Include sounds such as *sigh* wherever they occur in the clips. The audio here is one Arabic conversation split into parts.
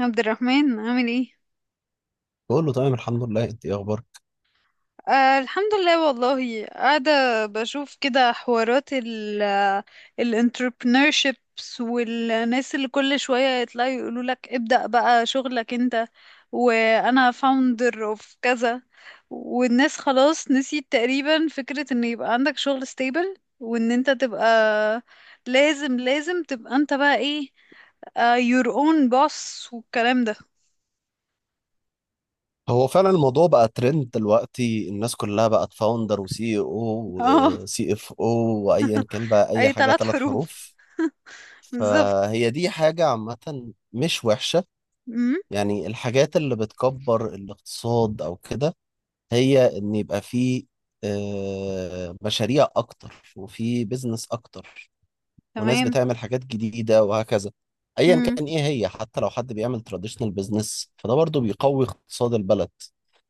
عبد الرحمن عامل ايه؟ بقول له تمام، الحمد لله. انت ايه اخبارك؟ آه الحمد لله والله قاعدة بشوف كده حوارات الانتربرنوrships والناس اللي كل شوية يطلعوا يقولوا لك ابدأ بقى شغلك انت، وانا founder of كذا، والناس خلاص نسيت تقريبا فكرة ان يبقى عندك شغل stable، وان انت تبقى لازم تبقى انت بقى ايه، your own boss والكلام ده هو فعلا الموضوع بقى ترند دلوقتي، الناس كلها بقت فاوندر وسي او *laughs* اه. وسي اف او وايا كان بقى اي اي حاجه ثلاث ثلاث حروف، حروف. بالظبط. فهي دي حاجه عامه مش وحشه. يعني الحاجات اللي بتكبر الاقتصاد او كده، هي ان يبقى فيه مشاريع اكتر وفي بيزنس اكتر. وناس تمام. بتعمل حاجات جديدة وهكذا. ايا امم، كان ايه، هي حتى لو حد بيعمل تراديشنال بزنس فده برضو بيقوي اقتصاد البلد.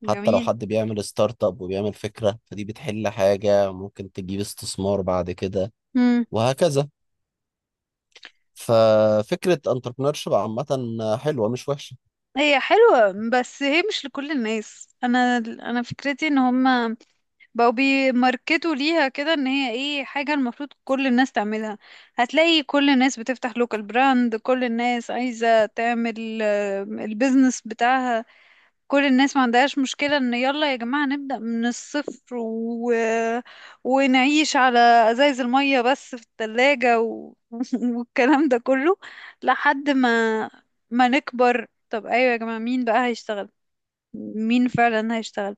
حتى لو جميل. حد بيعمل ستارت اب وبيعمل فكرة فدي بتحل حاجة ممكن تجيب استثمار بعد كده امم، وهكذا. ففكرة انتربرنورشيب عامة حلوة مش وحشة. هي حلوة بس هي مش لكل الناس. انا فكرتي ان هم بقوا بيماركتوا ليها كده، ان هي ايه، حاجة المفروض كل الناس تعملها. هتلاقي كل الناس بتفتح لوكال براند، كل الناس عايزة تعمل البيزنس بتاعها، كل الناس ما عندهاش مشكلة ان يلا يا جماعة نبدأ من الصفر ونعيش على ازايز المية بس في التلاجة *laughs* والكلام ده كله، لحد ما ما نكبر. طب ايوه يا جماعة، مين بقى هيشتغل؟ مين فعلا هيشتغل؟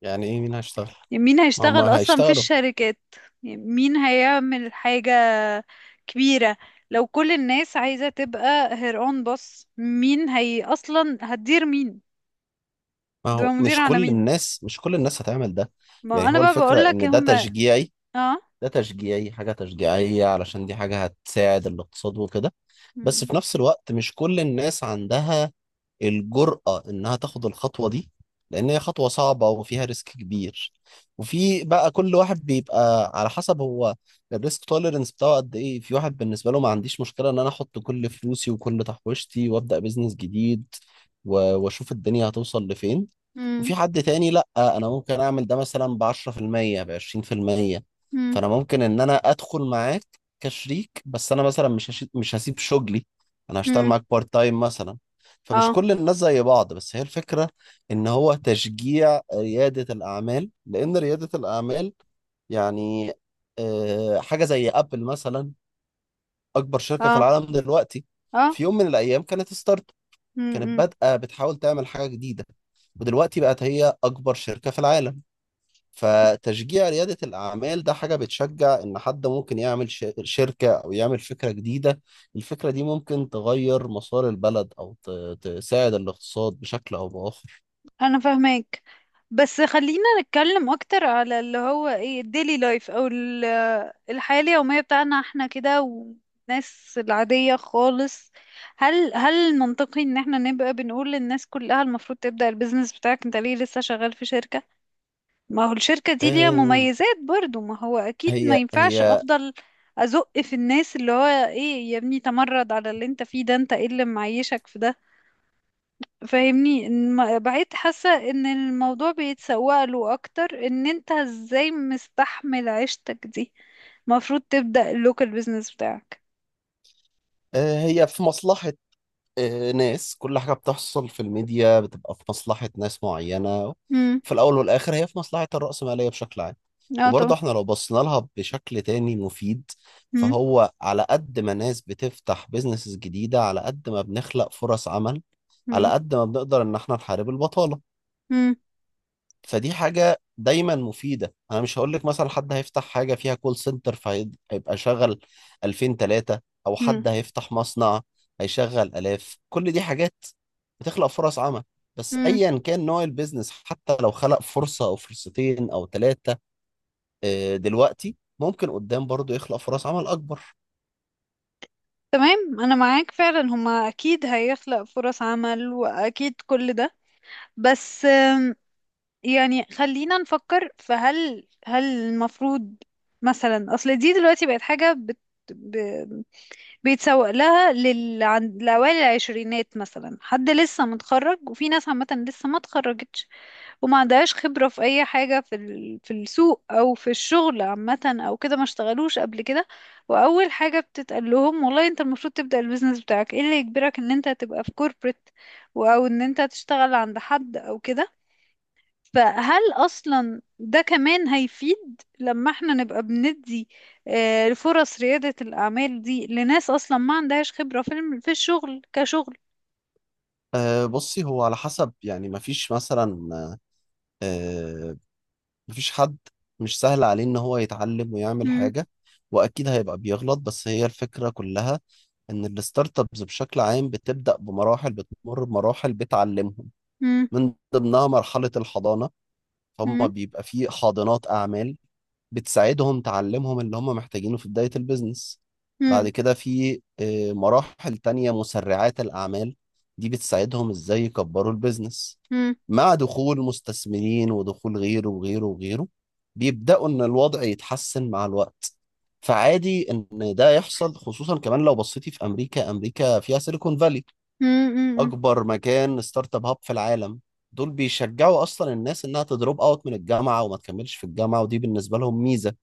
يعني ايه مين هيشتغل؟ يعني مين ما هم هيشتغل اصلا في هيشتغلوا. الشركات؟ يعني مين هيعمل حاجة كبيرة؟ لو كل الناس عايزة تبقى هير اون بص، مين هي اصلا هتدير مين؟ ما هتبقى هو مدير مش على كل مين؟ الناس، مش كل الناس هتعمل ده. ما يعني انا هو بقى الفكرة بقول لك ان ده هم. تشجيعي. اه. ده تشجيعي، حاجة تشجيعية علشان دي حاجة هتساعد الاقتصاد وكده. بس مم. في نفس الوقت مش كل الناس عندها الجرأة إنها تاخد الخطوة دي، لأن هي خطوة صعبة وفيها ريسك كبير. وفي بقى كل واحد بيبقى على حسب هو الريسك توليرنس بتاعه قد إيه. في واحد بالنسبة له ما عنديش مشكلة إن أنا أحط كل فلوسي وكل تحويشتي وأبدأ بيزنس جديد وأشوف الدنيا هتوصل لفين. مم. وفي حد تاني لا، انا ممكن اعمل ده مثلا ب 10%، ب 20%. مم. فانا ممكن ان انا ادخل معاك كشريك، بس انا مثلا مش هسيب شغلي. انا هشتغل مم. معاك بارت تايم مثلا. فمش اه. كل الناس زي بعض، بس هي الفكرة ان هو تشجيع ريادة الاعمال. لان ريادة الاعمال يعني حاجة زي ابل مثلا، اكبر شركة في اه. العالم دلوقتي. اه. في يوم من الايام مم. كانت مم. بادئة بتحاول تعمل حاجة جديدة، ودلوقتي بقت هي أكبر شركة في العالم. فتشجيع ريادة الأعمال ده حاجة بتشجع إن حد ممكن يعمل شركة أو يعمل فكرة جديدة. الفكرة دي ممكن تغير مسار البلد أو تساعد الاقتصاد بشكل أو بآخر. انا فاهمك، بس خلينا نتكلم اكتر على اللي هو ايه الديلي لايف او الحياة اليومية بتاعنا احنا كده، والناس العادية خالص. هل منطقي ان احنا نبقى بنقول للناس كلها المفروض تبدأ البيزنس بتاعك؟ انت ليه لسه شغال في شركة؟ ما هو الشركة دي ليها آه، مميزات برضو. ما هو أكيد ما هي ينفعش هي أفضل أزق في الناس اللي هو إيه يا ابني تمرد على اللي أنت فيه ده، أنت إيه اللي معيشك في ده. فاهمني، بقيت حاسة إن الموضوع بيتسوق له أكتر، إن أنت إزاي مستحمل عيشتك دي، المفروض تبدأ اللوكال بيزنس بتاعك. هي في مصلحة ناس. كل حاجة بتحصل في الميديا بتبقى في مصلحة ناس معينة. امم. في الأول والآخر هي في مصلحة الرأسمالية بشكل عام. اه طبعا. وبرضه احنا لو بصينا لها بشكل تاني مفيد. مم. فهو على قد ما ناس بتفتح بيزنسز جديدة، على قد ما بنخلق فرص عمل، على مم. قد ما بنقدر إن احنا نحارب البطالة. مم. فدي حاجة دايما مفيدة. انا مش هقول لك مثلا حد هيفتح حاجة فيها كول سنتر فهيبقى شغل 2000 3، او مم. حد هيفتح مصنع هيشغل الاف. كل دي حاجات بتخلق فرص عمل. بس مم. ايا كان نوع البيزنس، حتى لو خلق فرصة او فرصتين او ثلاثة، دلوقتي ممكن قدام برضو يخلق فرص عمل اكبر. تمام، أنا معاك فعلا، هما أكيد هيخلق فرص عمل وأكيد كل ده، بس يعني خلينا نفكر. فهل هل هل المفروض مثلا، اصل دي دلوقتي بقت حاجة ب... بيتسوق لها لأوائل العشرينات مثلا، حد لسه متخرج، وفي ناس عامة لسه ما اتخرجتش وما عندهاش خبرة في أي حاجة في السوق أو في الشغل عامة، أو كده ما اشتغلوش قبل كده، وأول حاجة بتتقال لهم والله أنت المفروض تبدأ البيزنس بتاعك، إيه اللي يجبرك إن أنت تبقى في كوربريت، أو إن أنت تشتغل عند حد أو كده. فهل أصلا ده كمان هيفيد، لما احنا نبقى بندي فرص ريادة الأعمال دي لناس أصلا ما عندهاش خبرة في الشغل كشغل؟ بصي هو على حسب. يعني مفيش مثلا آه، مفيش حد مش سهل عليه ان هو يتعلم ويعمل مم. حاجة، واكيد هيبقى بيغلط. بس هي الفكرة كلها ان الستارت ابس بشكل عام بتبدأ بمراحل، بتمر بمراحل بتعلمهم. مم. من ضمنها مرحلة الحضانة. هم مم. بيبقى فيه حاضنات اعمال بتساعدهم تعلمهم اللي هم محتاجينه في بداية البيزنس. بعد مم. كده في مراحل تانية، مسرعات الأعمال. دي بتساعدهم إزاي يكبروا البيزنس مم. مع دخول مستثمرين ودخول غيره وغيره وغيره. بيبدأوا إن الوضع يتحسن مع الوقت. فعادي إن ده يحصل، خصوصا كمان لو بصيتي في أمريكا. أمريكا فيها سيليكون فالي، مم. مم. أكبر مكان ستارت أب هاب في العالم. دول بيشجعوا أصلا الناس إنها تدروب أوت من الجامعة وما تكملش في الجامعة، ودي بالنسبة لهم ميزة.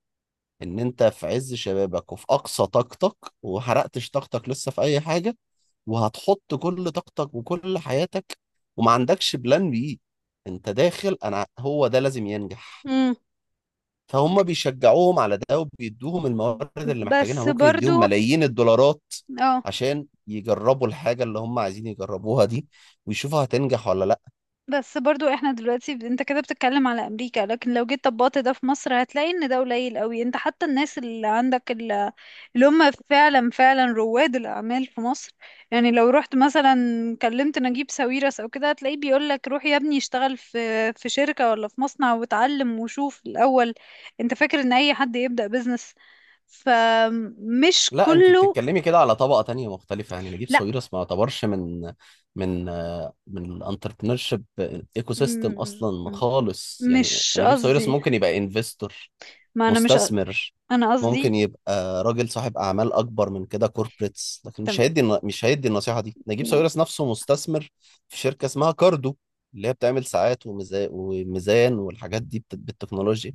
ان انت في عز شبابك وفي اقصى طاقتك وحرقتش طاقتك لسه في اي حاجة، وهتحط كل طاقتك وكل حياتك، وما عندكش بلان بي. انت داخل، انا هو ده لازم ينجح. مم. فهم بيشجعوهم على ده، وبيدوهم الموارد اللي محتاجينها. بس ممكن برضو. يديهم ملايين الدولارات اه. عشان يجربوا الحاجة اللي هم عايزين يجربوها دي، ويشوفوا هتنجح ولا لا. بس برضو احنا دلوقتي انت كده بتتكلم على امريكا، لكن لو جيت طبقت ده في مصر هتلاقي ان ده قليل قوي. انت حتى الناس اللي عندك اللي هم فعلا رواد الاعمال في مصر، يعني لو رحت مثلا كلمت نجيب ساويرس او كده، هتلاقيه بيقول لك روح يا ابني اشتغل في شركة ولا في مصنع واتعلم وشوف الاول. انت فاكر ان اي حد يبدأ بيزنس؟ فمش لا، انت كله. بتتكلمي كده على طبقه تانية مختلفه. يعني نجيب لا. ساويرس ما يعتبرش من الانتربرنور شيب ايكو سيستم م- اصلا م- خالص. يعني مش نجيب ساويرس قصدي، ممكن يبقى انفستور، ما انا مش ق- مستثمر. انا ممكن قصدي. يبقى راجل صاحب اعمال اكبر من كده، كوربريتس. لكن مش هيدي النصيحه دي. نجيب تم- ساويرس نفسه مستثمر في شركه اسمها كاردو، اللي هي بتعمل ساعات وميزان والحاجات دي بالتكنولوجيا.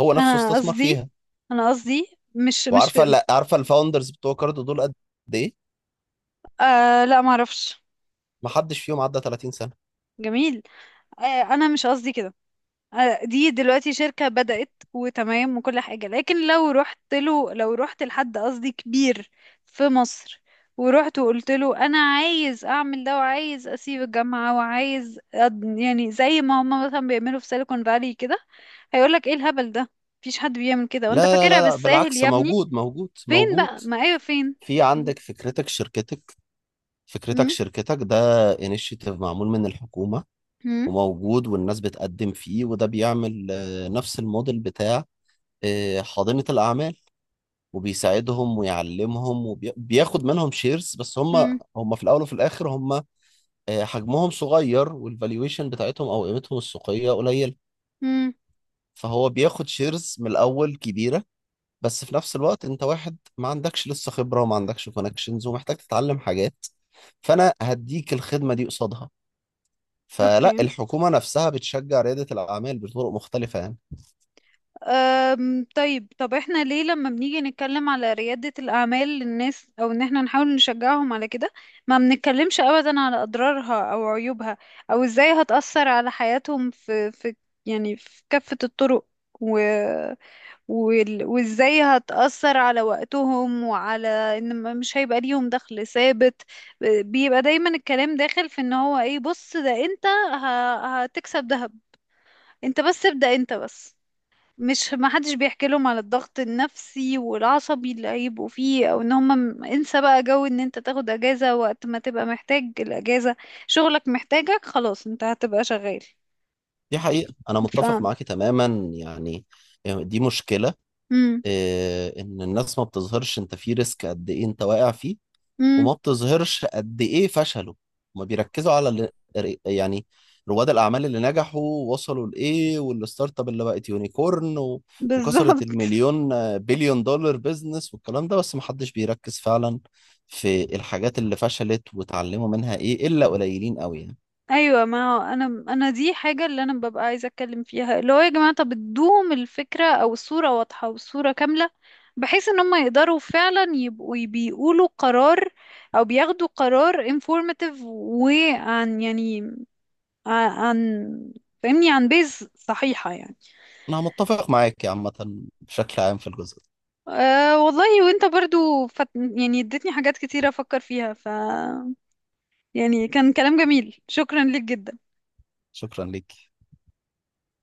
هو نفسه انا استثمر قصدي. فيها. انا قصدي مش وعارفه، لا، عارفه الفاوندرز بتوع كاردو دول قد ايه؟ آه لا ما اعرفش. ما حدش فيهم عدى 30 سنة. جميل. آه انا مش قصدي كده. آه دي دلوقتي شركة بدأت وتمام وكل حاجة، لكن لو رحت له، لو رحت لحد قصدي كبير في مصر، ورحت وقلت له انا عايز اعمل ده وعايز اسيب الجامعة يعني زي ما هم مثلا بيعملوا في سيليكون فالي كده، هيقولك ايه الهبل ده، مفيش حد بيعمل كده، وانت لا لا فاكرها لا لا، بالساهل بالعكس، يا ابني. موجود موجود فين موجود. بقى، ما ايوه فين. في عندك فكرتك شركتك. فكرتك م- شركتك ده انيشيتيف معمول من الحكومة م- وموجود والناس بتقدم فيه، وده بيعمل نفس الموديل بتاع حاضنة الأعمال. وبيساعدهم ويعلمهم وبياخد منهم شيرز. بس هم امم. هم في الأول وفي الآخر هم حجمهم صغير، والفالويشن بتاعتهم أو قيمتهم السوقية قليل. امم. فهو بياخد شيرز من الأول كبيرة، بس في نفس الوقت انت واحد ما عندكش لسه خبرة وما عندكش كونكشنز ومحتاج تتعلم حاجات. فانا هديك الخدمة دي قصادها. فلا، اوكي. الحكومة نفسها بتشجع ريادة الأعمال بطرق مختلفة يعني. أم طيب، طب احنا ليه لما بنيجي نتكلم على ريادة الأعمال للناس، أو إن احنا نحاول نشجعهم على كده، ما بنتكلمش أبدا على أضرارها أو عيوبها، أو إزاي هتأثر على حياتهم في يعني في كافة الطرق، و... وإزاي هتأثر على وقتهم وعلى إن مش هيبقى ليهم دخل ثابت. بيبقى دايما الكلام داخل في إن هو إيه، بص ده أنت هتكسب دهب، انت بس ابدأ، انت بس. مش ما حدش بيحكي لهم على الضغط النفسي والعصبي اللي هيبقوا فيه، او ان هم انسى بقى جو ان انت تاخد اجازة وقت ما تبقى محتاج الاجازة. شغلك محتاجك خلاص، انت هتبقى شغال. دي حقيقة أنا متفق فاهم. معاكي تماما. يعني يعني دي مشكلة. امم. إيه إن الناس ما بتظهرش أنت في ريسك قد إيه أنت واقع فيه، امم. وما بتظهرش قد ايه فشلوا. ما بيركزوا على يعني رواد الاعمال اللي نجحوا وصلوا لايه، والستارت اب اللي بقت يونيكورن وكسرت بالظبط، المليون آه، بليون دولار بيزنس والكلام ده. بس ما حدش بيركز فعلا في الحاجات اللي فشلت وتعلموا منها ايه، الا قليلين قوي يعني. ايوه. ما هو انا، دي حاجه اللي انا ببقى عايزه اتكلم فيها، اللي هو يا جماعه طب ادوهم الفكره، او الصوره واضحه والصوره كامله، بحيث ان هم يقدروا فعلا يبقوا بيقولوا قرار، او بياخدوا قرار informative، وعن يعني عن عن- فاهمني، عن بيز صحيحه يعني. انا متفق معاك يا عامه، بشكل عام في الجزء ده. أه والله، وانت برضو يعني اديتني حاجات كتيره افكر فيها، يعني كان كلام جميل، شكرا ليك جدا. شكرا ليك.